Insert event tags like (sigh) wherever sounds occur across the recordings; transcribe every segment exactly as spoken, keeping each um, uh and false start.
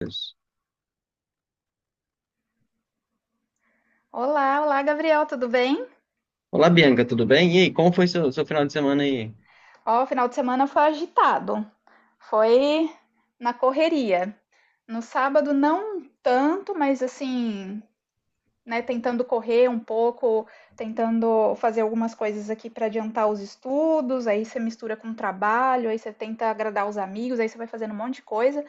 Deus. Olá, olá, Gabriel, tudo bem? Olá, Bianca, tudo bem? E aí, como foi seu, seu final de semana aí? Ó, o final de semana foi agitado, foi na correria. No sábado não tanto, mas assim, né, tentando correr um pouco, tentando fazer algumas coisas aqui para adiantar os estudos, aí você mistura com o trabalho, aí você tenta agradar os amigos, aí você vai fazendo um monte de coisa,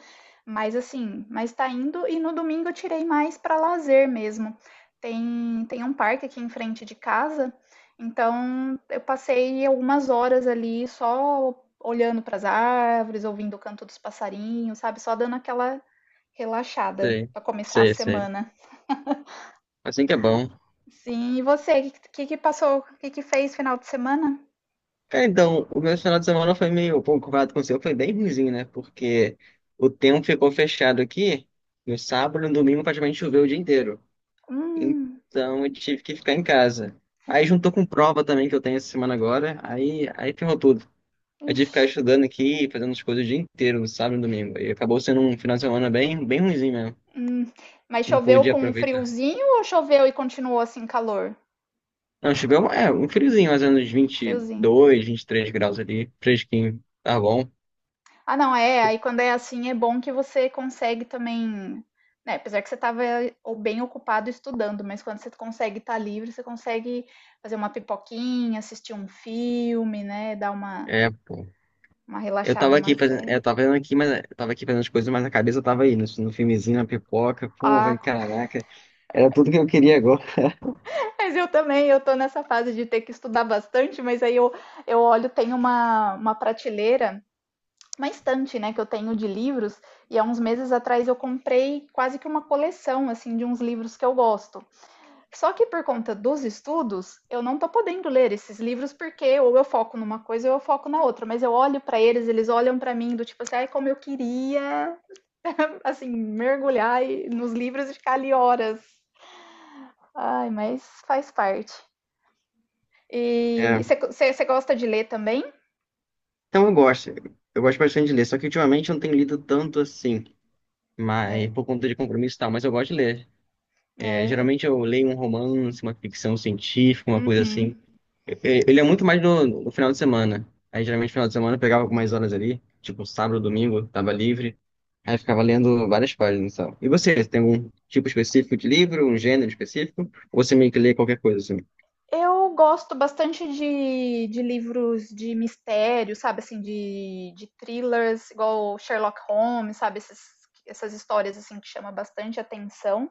mas assim, mas tá indo e no domingo eu tirei mais para lazer mesmo. Tem tem um parque aqui em frente de casa, então eu passei algumas horas ali só olhando para as árvores, ouvindo o canto dos passarinhos, sabe? Só dando aquela relaxada Sei, para começar a sei, sei. semana. Assim que é bom. Sim, e você? O Que que que passou? o Que que fez final de semana? Cara, então, o meu final de semana foi meio concorrado com o seu, foi bem ruimzinho, né? Porque o tempo ficou fechado aqui, no sábado e no domingo praticamente choveu o dia inteiro. Hum, Então, eu tive que ficar em casa. Aí juntou com prova também que eu tenho essa semana agora, aí, aí ferrou tudo. Eu tive que ixi, ficar estudando aqui, fazendo as coisas o dia inteiro, no sábado e no domingo. E acabou sendo um final de semana bem, bem ruimzinho mesmo. hum. Mas Não choveu pude com um aproveitar. friozinho ou choveu e continuou assim calor? Não, chegou um- é, um friozinho, mais ou menos Friozinho. vinte e dois, três graus ali, fresquinho, tá bom? Ah, não, é. Aí quando é assim é bom que você consegue também, né? Apesar que você estava ou bem ocupado estudando, mas quando você consegue estar livre, você consegue fazer uma pipoquinha, assistir um filme, né? Dar uma, É, pô. uma Eu relaxada, tava aqui uma fazendo, eu série. tava fazendo aqui, mas eu tava aqui fazendo as coisas, mas a cabeça tava aí, no, no filmezinho, na pipoca, pô, vai, Ah, caraca, era tudo que eu queria agora. mas eu também, eu tô nessa fase de ter que estudar bastante, mas aí eu, eu olho, tem uma, uma prateleira, uma estante, né, que eu tenho de livros, e há uns meses atrás eu comprei quase que uma coleção, assim, de uns livros que eu gosto. Só que por conta dos estudos, eu não tô podendo ler esses livros porque ou eu foco numa coisa ou eu foco na outra, mas eu olho pra eles, eles olham pra mim do tipo assim, ai, como eu queria, assim, mergulhar nos livros e ficar ali horas. Ai, mas faz parte. E É, você gosta de ler também? então eu gosto, eu gosto bastante de ler, só que ultimamente eu não tenho lido tanto assim, É, mas por conta de compromisso e tal, mas eu gosto de ler. É, é. geralmente eu leio um romance, uma ficção científica, uma coisa assim. Ele é muito mais no, no final de semana. Aí geralmente no final de semana eu pegava algumas horas ali, tipo sábado, domingo, tava livre. Aí eu ficava lendo várias páginas, sabe? E você, tem algum tipo específico de livro, um gênero específico? Ou você meio que lê qualquer coisa assim? Eu gosto bastante de, de livros de mistério, sabe? Assim, de, de thrillers, igual Sherlock Holmes, sabe? Esses, essas histórias assim que chamam bastante atenção.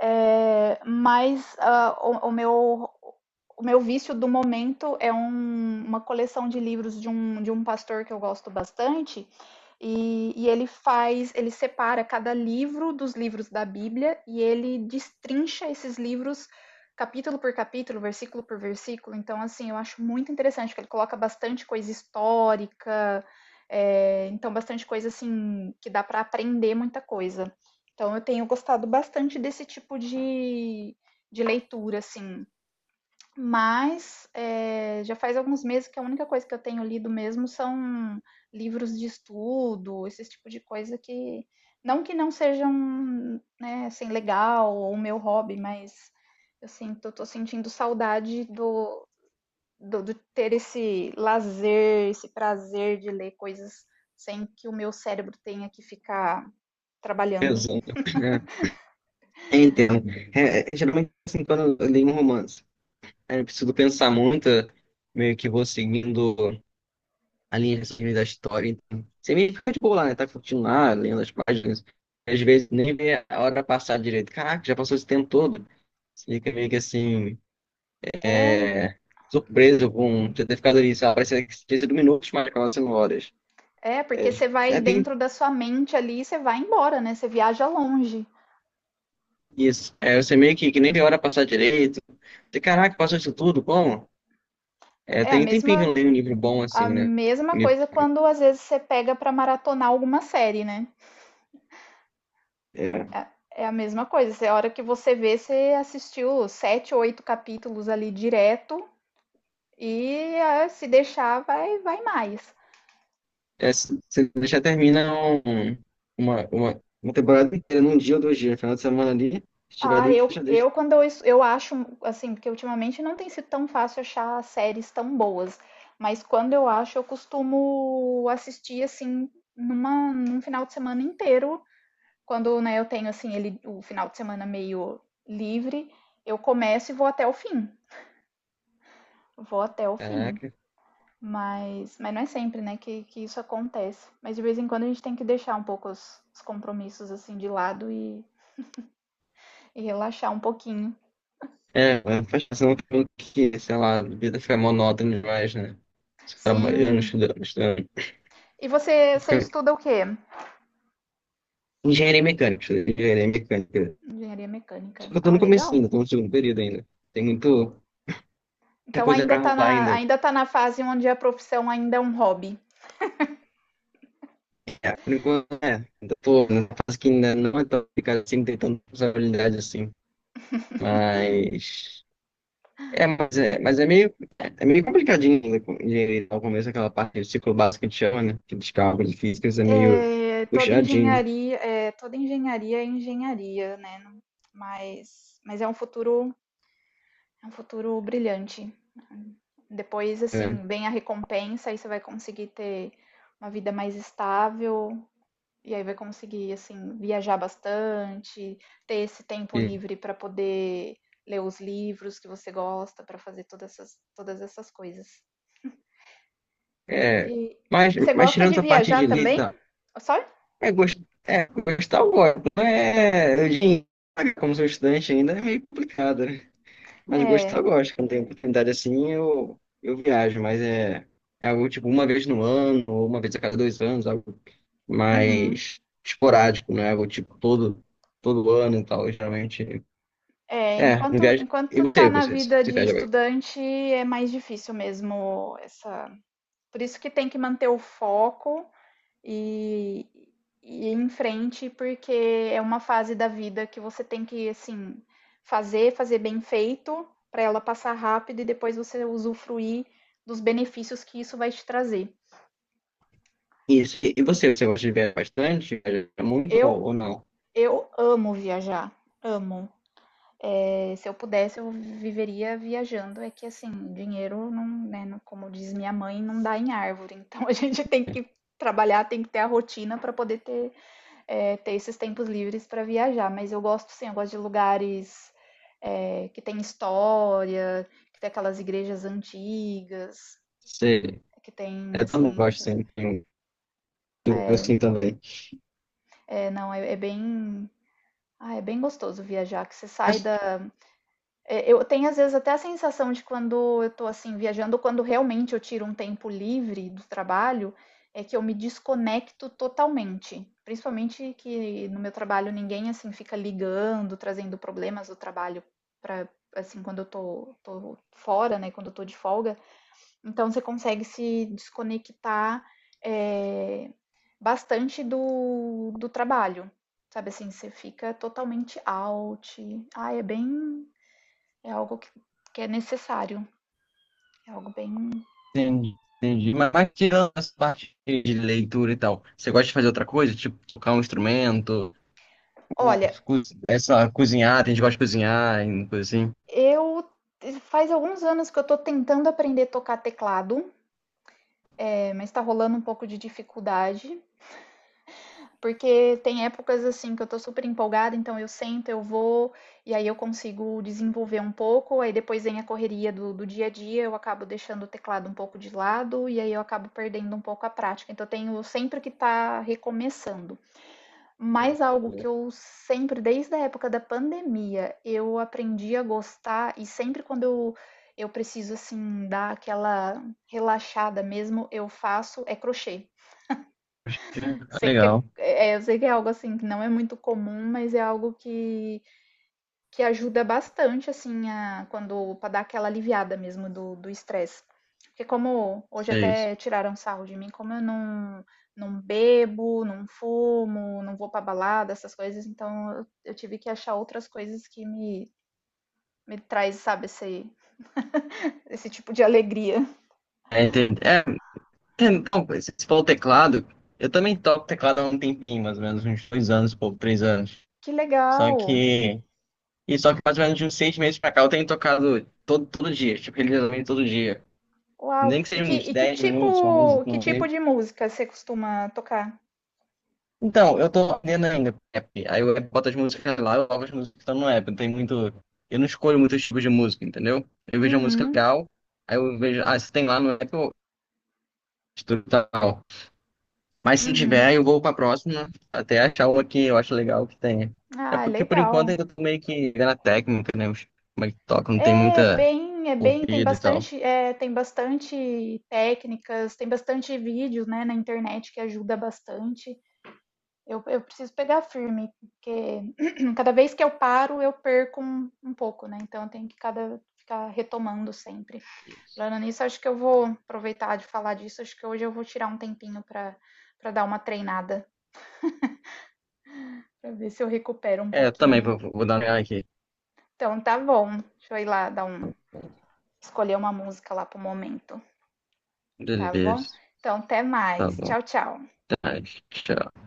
É, mas ah, o, o meu, o meu vício do momento é um- uma coleção de livros de um, de um pastor que eu gosto bastante. E, e ele faz, ele separa cada livro dos livros da Bíblia e ele destrincha esses livros capítulo por capítulo, versículo por versículo. Então, assim, eu acho muito interessante que ele coloca bastante coisa histórica, é, então bastante coisa assim que dá para aprender muita coisa. Então eu tenho gostado bastante desse tipo de, de leitura, assim. Mas é, já faz alguns meses que a única coisa que eu tenho lido mesmo são livros de estudo, esse tipo de coisa que. Não que não sejam, né, assim, legal ou o meu hobby, mas eu sinto, eu tô sentindo saudade do, do, do ter esse lazer, esse prazer de ler coisas sem que o meu cérebro tenha que ficar trabalhando. Exato. É, entendo. É, é, geralmente assim, quando eu leio um romance, aí eu preciso pensar muito, meio que vou seguindo a linha assim, da história. Então, você meio que fica de boa lá, né? Tá curtindo lá, lendo as páginas. Às vezes nem vê a hora passar direito. Caraca, já passou esse tempo todo. Você fica meio que assim, É, é, surpreso com você ter ficado ali, sabe? Parece que tinha sido minutos, mas acaba sendo horas. é, É, porque você vai é, tem dentro da sua mente ali e você vai embora, né? Você viaja longe. isso. É, você meio que, que nem vê a hora passar direito. Você, caraca, passou isso tudo, como? É, É a tem tem tempinho que eu mesma, não leio um livro bom assim, a né? mesma Um livro- coisa quando às vezes você pega pra maratonar alguma série, né? É, É a mesma coisa. Você, a hora que você vê, você assistiu sete, oito capítulos ali direto e ah, se deixar, vai, vai mais. é, se você deixa termina um- uma, uma, uma temporada inteira, num dia ou dois dias, final de semana ali, se estiver Ah, ali, eu, já deixa. eu quando eu, es- eu acho, assim, porque ultimamente não tem sido tão fácil achar séries tão boas, mas quando eu acho, eu costumo assistir, assim, numa, num final de semana inteiro, quando, né, eu tenho, assim, ele, o final de semana meio livre, eu começo e vou até o fim, vou até o fim, Caraca. mas, mas não é sempre, né, que, que isso acontece, mas de vez em quando a gente tem que deixar um pouco os, os compromissos, assim, de lado e, e relaxar um pouquinho. É, faz questão que, sei lá, a vida fica monótona demais, né? Trabalhando, Sim, estudando, estudando. e você, você estuda o quê? Engenharia mecânica, engenharia mecânica. Engenharia Só mecânica. que eu tô Ah, no começo legal. ainda, tô no segundo período ainda. Tem muito, muita Então coisa ainda pra está rolar na, ainda. ainda tá na fase onde a profissão ainda é um hobby. Por enquanto, é, ainda tô numa fase que ainda não é tão complicado assim, não tem tanta responsabilidade assim. Mas é, mas é, mas é meio, é meio complicadinho ainda com engenharia ao começo, aquela parte do ciclo básico que a gente chama, né? Que dos cálculos físicos é meio É, toda puxadinho, engenharia, é, toda engenharia é engenharia, né? Mas, mas é um futuro, é um futuro brilhante. Depois, né? assim, vem a recompensa, aí você vai conseguir ter uma vida mais estável, e aí vai conseguir, assim, viajar bastante, ter esse tempo E, livre para poder ler os livros que você gosta, para fazer todas essas, todas essas coisas. é, E mas, e você mas gosta tirando de essa parte de viajar também? letra, Só? é gostoso. É, gostar eu gosto. Não é, eu diria como sou estudante ainda, é meio complicado, né? Mas gostar, É. eu gosto. Quando tem oportunidade assim, eu, eu viajo, mas é, é algo tipo uma vez no ano, ou uma vez a cada dois anos, algo Uhum. mais esporádico, não é algo tipo todo, todo ano e tal. Geralmente, É, é, não enquanto, viajo. E enquanto tá você, na você, vida você de viaja bastante? estudante, é mais difícil mesmo essa. Por isso que tem que manter o foco e, e ir em frente, porque é uma fase da vida que você tem que, assim, fazer, fazer bem feito, para ela passar rápido e depois você usufruir dos benefícios que isso vai te trazer. E, e você, você gosta de viajar bastante? Viaja muito Eu, ou, ou não? eu amo viajar, amo. É, se eu pudesse, eu viveria viajando. É que, assim, dinheiro, não, né, não- como diz minha mãe, não dá em árvore. Então (laughs) a gente tem que trabalhar, tem que ter a rotina para poder ter é, ter esses tempos livres para viajar. Mas eu gosto sim, eu gosto de lugares é, que tem história, que tem aquelas igrejas antigas, Você, que tem eu também assim. gosto, sim, tenho- eu É, assim também. é, não, é, é bem. Ah, é bem gostoso viajar, que você sai da, é, eu tenho às vezes até a sensação de quando eu tô assim viajando, quando realmente eu tiro um tempo livre do trabalho, é que eu me desconecto totalmente. Principalmente que no meu trabalho ninguém assim fica ligando, trazendo problemas do trabalho para assim quando eu tô, tô fora, né, quando eu tô de folga. Então você consegue se desconectar é, bastante do, do trabalho. Sabe assim, você fica totalmente out. Ah, é bem é algo que, que é necessário. É algo bem. Entendi, entendi. Mas, mas tirando essa parte de leitura e tal, você gosta de fazer outra coisa? Tipo, tocar um instrumento? Ou Olha, co- essa, cozinhar, tem gente que gosta de cozinhar, e coisa assim. eu faz alguns anos que eu tô tentando aprender a tocar teclado, é, mas tá rolando um pouco de dificuldade. Porque tem épocas assim que eu tô super empolgada, então eu sento, eu vou, e aí eu consigo desenvolver um pouco, aí depois vem a correria do, do dia a dia, eu acabo deixando o teclado um pouco de lado, e aí eu acabo perdendo um pouco a prática. Então eu tenho sempre que tá recomeçando. Mas algo que eu sempre, desde a época da pandemia, eu aprendi a gostar e sempre quando eu, eu preciso assim dar aquela relaxada mesmo, eu faço é crochê. Acho que é Sei que legal. é, é, eu sei que é algo assim que não é muito comum, mas é algo que que ajuda bastante, assim, a, quando para dar aquela aliviada mesmo do do estresse. Porque como hoje É isso. até tiraram sarro de mim, como eu não não bebo, não fumo, não vou pra balada, essas coisas, então eu, eu tive que achar outras coisas que me me traz, sabe, esse esse tipo de alegria. É, entendi. É, tem- então, se se for o teclado, eu também toco teclado há um tempinho, mais ou menos, uns dois anos, pouco, três anos. Que Só legal. que. E só que mais ou menos de uns seis meses pra cá eu tenho tocado todo, todo dia, tipo, religiosamente todo dia. Uau. Nem que E seja que uns e que dez minutos, uma música, tipo que um. tipo de música você costuma tocar? Então, eu tô aprendendo ainda app. Aí eu boto as músicas lá, eu coloco as músicas que estão no app. Não tem muito. Eu não escolho muitos tipos de música, entendeu? Eu vejo a música Uhum, legal, aí eu vejo. Ah, se tem lá no app, eu estudo tal. Mas se não uhum. tiver, eu vou pra próxima, até achar uma que eu acho legal que tenha. É Ah, porque por enquanto legal. ainda tô meio que vendo a técnica, né? os- Como é que toca, não tem É muita bem é bem tem corrida e tal. bastante, eh, tem bastante técnicas, tem bastante vídeos, né, na internet que ajuda bastante. Eu eu preciso pegar firme, porque (clears throat) cada vez que eu paro, eu perco um um pouco, né, então eu tenho que cada ficar retomando sempre. Falando nisso, acho que eu vou aproveitar de falar disso, acho que hoje eu vou tirar um tempinho para para dar uma treinada, para ver se eu recupero um É, eu também pouquinho. vou, vou dar uma olhada aqui. Então tá bom, deixa eu ir lá dar um escolher uma música lá para o momento. Tá bom? Beleza, Então, até tá mais. bom. Tchau, tchau. Tá, tchau.